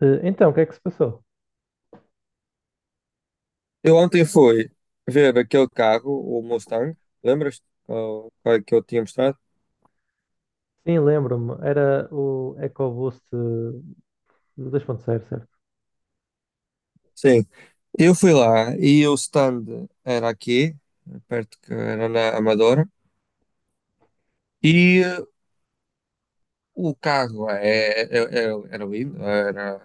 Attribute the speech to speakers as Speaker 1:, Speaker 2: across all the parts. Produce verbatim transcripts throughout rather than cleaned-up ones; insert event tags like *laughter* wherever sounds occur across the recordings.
Speaker 1: Eh, Então, o que é que se passou?
Speaker 2: Eu ontem fui ver aquele carro, o Mustang, lembras? Oh, qual é que eu tinha mostrado?
Speaker 1: Sim, lembro-me. Era o EcoBoost eh, dois ponto zero, certo?
Speaker 2: Sim. Eu fui lá e o stand era aqui, perto que era na Amadora, e eh, o carro é, é- é- é, era lindo, era,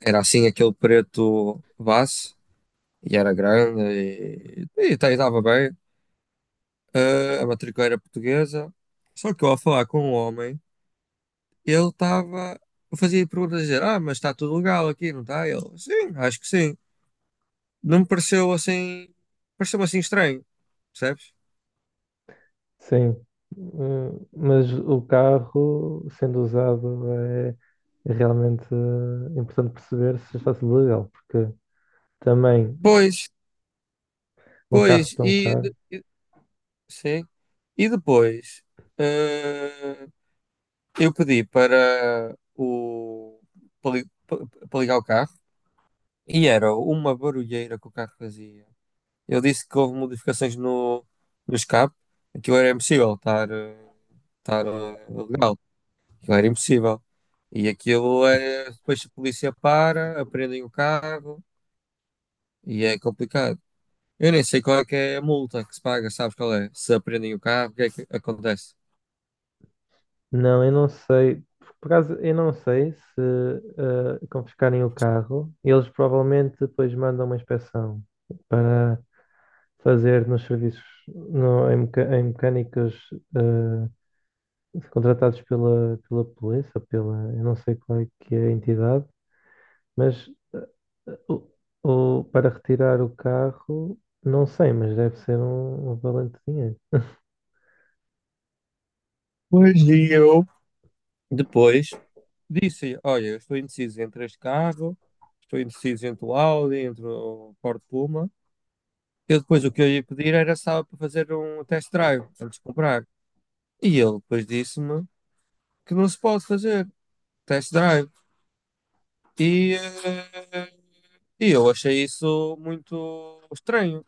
Speaker 2: era assim aquele preto base, e era grande, e, e, tá- estava bem. Eh, a matrícula era portuguesa, só que eu ao falar com o homem, ele estava. Eu fazia perguntas a dizer: Ah, mas está tudo legal aqui, não está? Ele, sim, acho que sim. Não me pareceu assim. Pareceu-me assim estranho, percebes?
Speaker 1: Sim. Hum, mas o carro, sendo usado, é é realmente eh, importante perceber se está tudo legal, porque também
Speaker 2: Pois,
Speaker 1: um carro
Speaker 2: pois,
Speaker 1: tão
Speaker 2: e.
Speaker 1: caro.
Speaker 2: de- Sim. E depois. eh, eu pedi para o. Para, li- pa- para ligar o carro e era uma barulheira que o carro fazia. Eu disse que houve modificações no, no escape, aquilo era impossível estar, eh, estar eh, legal. Aquilo era impossível. E aquilo é. Depois a polícia para, aprendem o carro e é complicado. Eu nem sei qual é que é a multa que se paga, sabes qual é? Se aprendem o carro, o que é que acontece?
Speaker 1: Não, eu não sei. Por acaso, eu não sei se eh, confiscarem o carro, eles provavelmente depois mandam uma inspeção para fazer nos serviços, no- em, meca- em mecânicas eh, contratados pela, pela polícia, pela, eu não sei qual é que é a entidade, mas eh, o, o- para retirar o carro, não sei, mas deve ser um, um valente dinheiro.
Speaker 2: Pois e eu. Depois disse: Olha, eu estou indeciso entre este carro, estou indeciso entre o Audi, entre o Ford Puma. Eu depois o que eu ia pedir era só para fazer um test drive antes de comprar. E ele depois disse-me que não se pode fazer test drive. E eh, e eu achei isso muito estranho.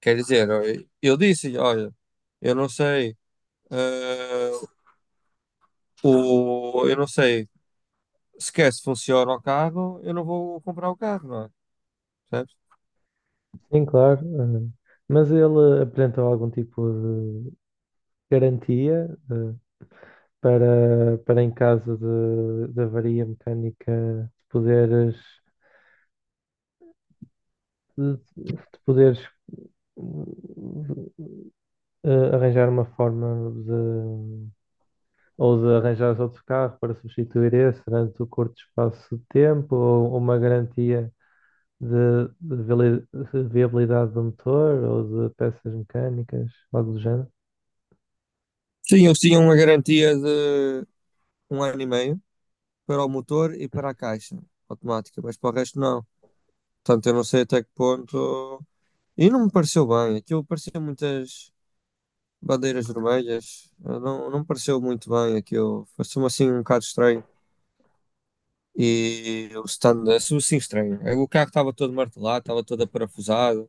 Speaker 2: Quer dizer, eu eu disse, olha, eu não sei, eh, o, eu não sei sequer se funciona o carro, eu não vou comprar o carro, não é? Percebes?
Speaker 1: Sim, claro. Eh, mas ele apresentou algum tipo de garantia? Uh, para, para em caso de, de avaria mecânica, de poderes, de, de poderes hum, eh, arranjar uma forma de, ou de arranjares outro carro para substituir esse durante o curto espaço de tempo, ou uma garantia de, de vali- de viabilidade do motor ou de peças mecânicas, algo do género.
Speaker 2: Sim, eles tinham uma garantia de um ano e meio para o motor e para a caixa automática, mas para o resto não. Portanto, eu não sei até que ponto. E não me pareceu bem, aquilo parecia muitas bandeiras vermelhas, eh, não, não me pareceu muito bem aquilo, pareceu-me assim um bocado estranho. E o stand assim estranho. É, o carro estava todo martelado, estava todo aparafusado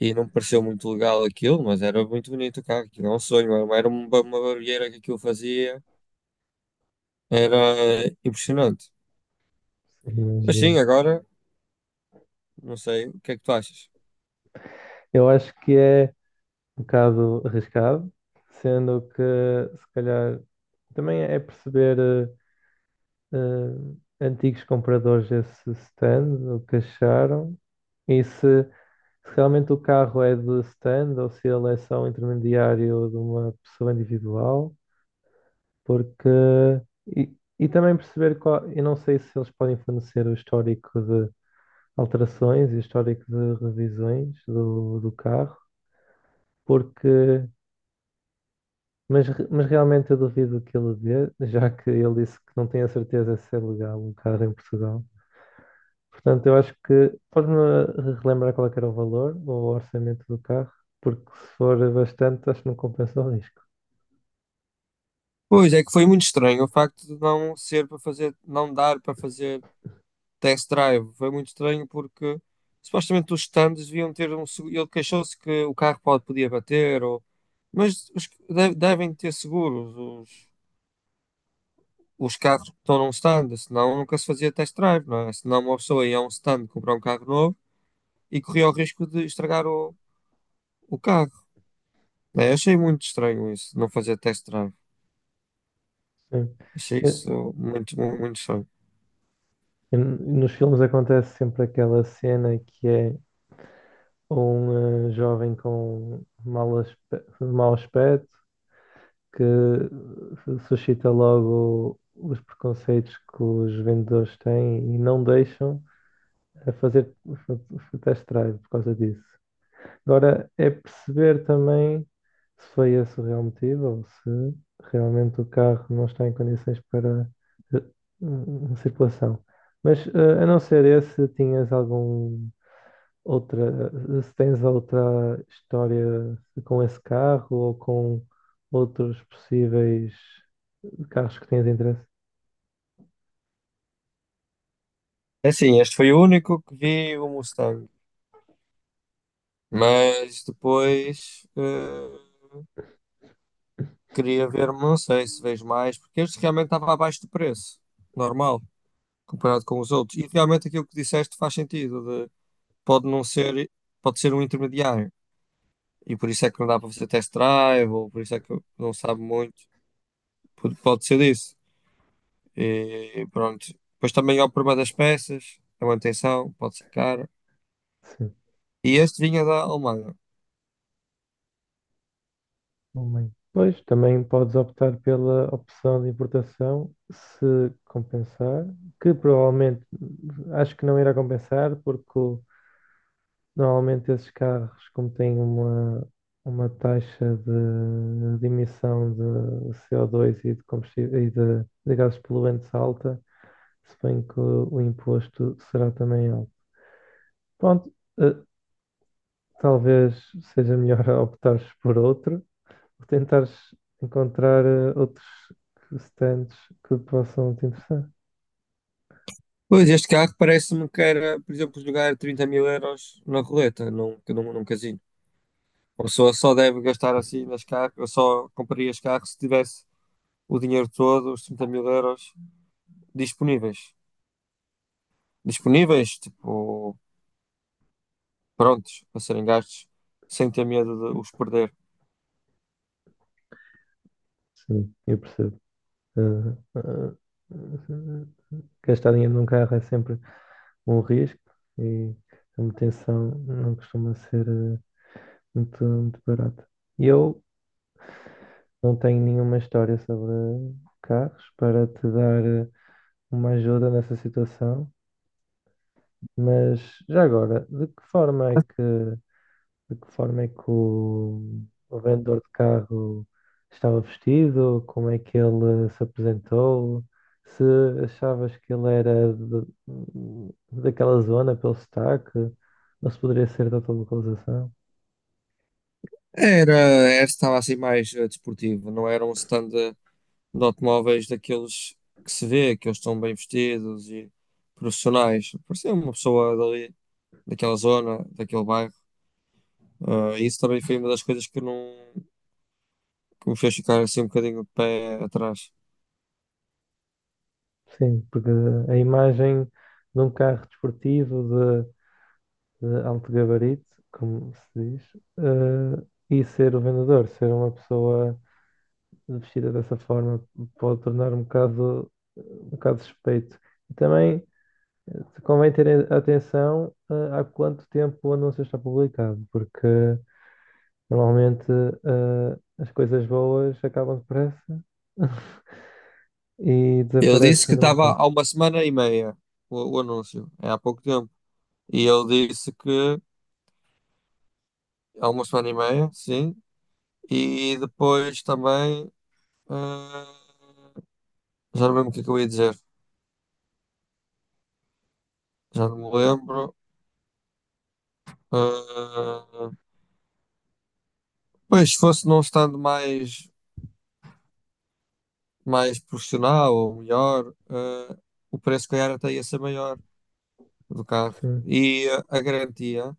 Speaker 2: e não me pareceu muito legal aquilo, mas era muito bonito o carro. Aquilo é um sonho, era uma, era uma uma barulheira que aquilo fazia, era impressionante.
Speaker 1: Sim,
Speaker 2: Mas
Speaker 1: imagino.
Speaker 2: sim, agora não sei o que é que tu achas.
Speaker 1: Eu acho que é um bocado arriscado, sendo que se calhar também é perceber eh, eh, antigos compradores desse stand, o que acharam, e se, se realmente o carro é de stand ou se ele é só um intermediário de uma pessoa individual, porque e, e também perceber qual, eu não sei se eles podem fornecer o histórico de alterações e o histórico de revisões do, do carro, porque... Mas, re- mas realmente eu duvido que ele dê, já que ele disse que não tem a certeza se é legal um carro em Portugal. Portanto, eu acho que podes-me relembrar qual é que era o valor ou o orçamento do carro, porque se for bastante, acho que não compensa o risco.
Speaker 2: Pois é que foi muito estranho o facto de não ser para fazer, não dar para fazer test drive. Foi muito estranho porque supostamente os stands deviam ter um. segu- Ele queixou-se que o carro pode, podia bater, ou, mas os- de- devem ter seguros os, os carros que estão num stand, senão nunca se fazia test drive, não é? Senão uma pessoa ia a um stand comprar um carro novo e corria o risco de estragar o, o carro. Né? Eu achei muito estranho isso, não fazer test drive.
Speaker 1: Sim.
Speaker 2: Achei
Speaker 1: Eu-
Speaker 2: isso muito, muito, muito estranho.
Speaker 1: eu- Nos filmes acontece sempre aquela cena que é um eh, jovem com mau aspe- mau aspecto que eh, suscita logo os preconceitos que os vendedores têm e não deixam a fazer o test drive por causa disso. Agora é perceber também se foi esse o real motivo ou se realmente o carro não está em condições para eh, hum, circulação. Mas eh, a não ser esse, tinhas algum outra, eh, se tens outra história com esse carro ou com outros possíveis carros que tens interesse?
Speaker 2: É assim, este foi o único que vi, o Mustang. Mas depois eh, queria ver, não sei se vejo mais, porque este realmente estava abaixo do preço, normal, comparado com os outros. E realmente aquilo que disseste faz sentido, de- pode não ser, pode ser um intermediário. E por isso é que não dá para fazer test drive, ou por isso é que não sabe muito, pode, pode ser disso. E pronto. Depois também é o problema das peças, a manutenção, pode ser cara.
Speaker 1: Sim.
Speaker 2: E este vinha da Alemanha.
Speaker 1: Alemanha. Pois, também podes optar pela opção de importação se compensar, que provavelmente acho que não irá compensar, porque o- normalmente esses carros, como têm uma, uma taxa de, de emissão de C O dois e de combustível e de, de gases poluentes alta, se bem que o, o imposto será também alto. Pronto, eh, talvez seja melhor *laughs* optares por outro. Por tentares encontrar eh, outros stands que possam te interessar.
Speaker 2: Pois, este carro parece-me que era, por exemplo, jogar trinta mil euros na roleta, num, num, num casino. Uma pessoa só deve gastar assim nas carros, eu só compraria os carros se tivesse o dinheiro todo, os trinta mil euros disponíveis. Disponíveis, tipo, prontos para serem gastos, sem ter medo de os perder.
Speaker 1: Sim, eu percebo. Ah, ah, ah, gastar dinheiro num carro é sempre um risco e a manutenção não costuma ser eh, muito, muito barata. Eu não tenho nenhuma história sobre carros para te dar eh, uma ajuda nessa situação, mas já agora, de que forma é que de que forma é que o, o vendedor de carro estava vestido, como é que ele se apresentou, se achavas que ele era de- daquela zona pelo sotaque, ou se poderia ser de outra localização.
Speaker 2: Era, era estava assim mais eh, desportivo, não era um stand de, de automóveis daqueles que se vê, que eles estão bem vestidos e profissionais. Parecia uma pessoa dali, daquela zona, daquele bairro. Eh, isso também foi uma das coisas que não que me fez ficar assim um bocadinho de pé atrás.
Speaker 1: Sim, porque a imagem de um carro desportivo de, de alto gabarito, como se diz, eh, e ser o vendedor, ser uma pessoa vestida dessa forma pode tornar um bocado, um bocado suspeito. E também eh, convém ter atenção eh, há quanto tempo o anúncio está publicado, porque normalmente eh, as coisas boas acabam depressa *laughs* e
Speaker 2: Ele disse
Speaker 1: desaparecem
Speaker 2: que
Speaker 1: do
Speaker 2: estava
Speaker 1: mercado.
Speaker 2: há uma semana e meia o, o anúncio, é há pouco tempo. E eu disse que há uma semana e meia, sim. E depois também. eh, já não lembro o que é que eu ia dizer. Já não me lembro. Eh, Pois, se fosse não estando mais, mais profissional ou melhor, eh, o preço, se calhar, até ia ser maior do carro.
Speaker 1: Sim,
Speaker 2: E eh, a garantia.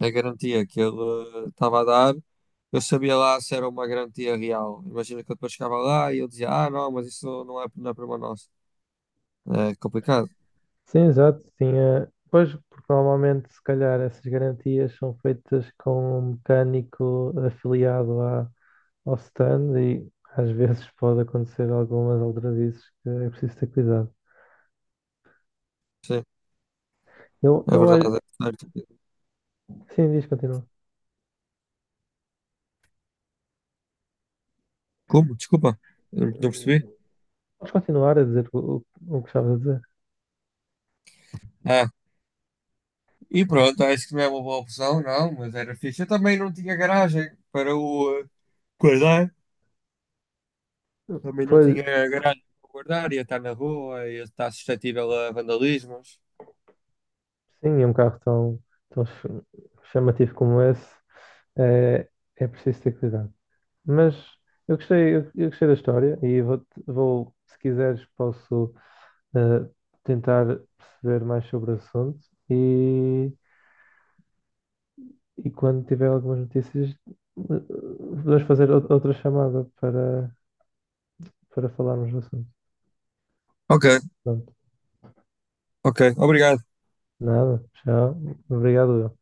Speaker 2: A garantia que ele eh, estava a dar, eu sabia lá se era uma garantia real. Imagina que eu depois chegava lá e eu dizia, ah, não, mas isso não é, não é problema nosso. É complicado.
Speaker 1: sim, exato. Tinha... Pois, porque normalmente, se calhar, essas garantias são feitas com um mecânico afiliado à, ao stand e às vezes pode acontecer algumas aldrabices que é preciso ter cuidado.
Speaker 2: Sim,
Speaker 1: Eu,
Speaker 2: é
Speaker 1: eu acho.
Speaker 2: verdade. É certo.
Speaker 1: Sim, diz, continua.
Speaker 2: Como? Desculpa, eu não percebi.
Speaker 1: Podes continuar a dizer o, o, o que estavas a dizer.
Speaker 2: Ah, e pronto, acho que não é uma boa opção, não, mas era fixe. Eu também não tinha garagem para o eh, guardar, também não
Speaker 1: Pois,
Speaker 2: tinha garagem para o guardar, ia estar na rua, ia estar suscetível a vandalismos.
Speaker 1: sim, é um carro tão, tão ch- chamativo como esse, é, é preciso ter cuidado. Mas eu gostei, eu, eu gostei da história e vou, vou, se quiseres, posso eh, tentar perceber mais sobre o assunto e E quando tiver algumas notícias, eh, podemos fazer ou- outra chamada para, para falarmos do assunto.
Speaker 2: Ok,
Speaker 1: Pronto.
Speaker 2: ok, obrigado.
Speaker 1: Nada. Tchau. Obrigado.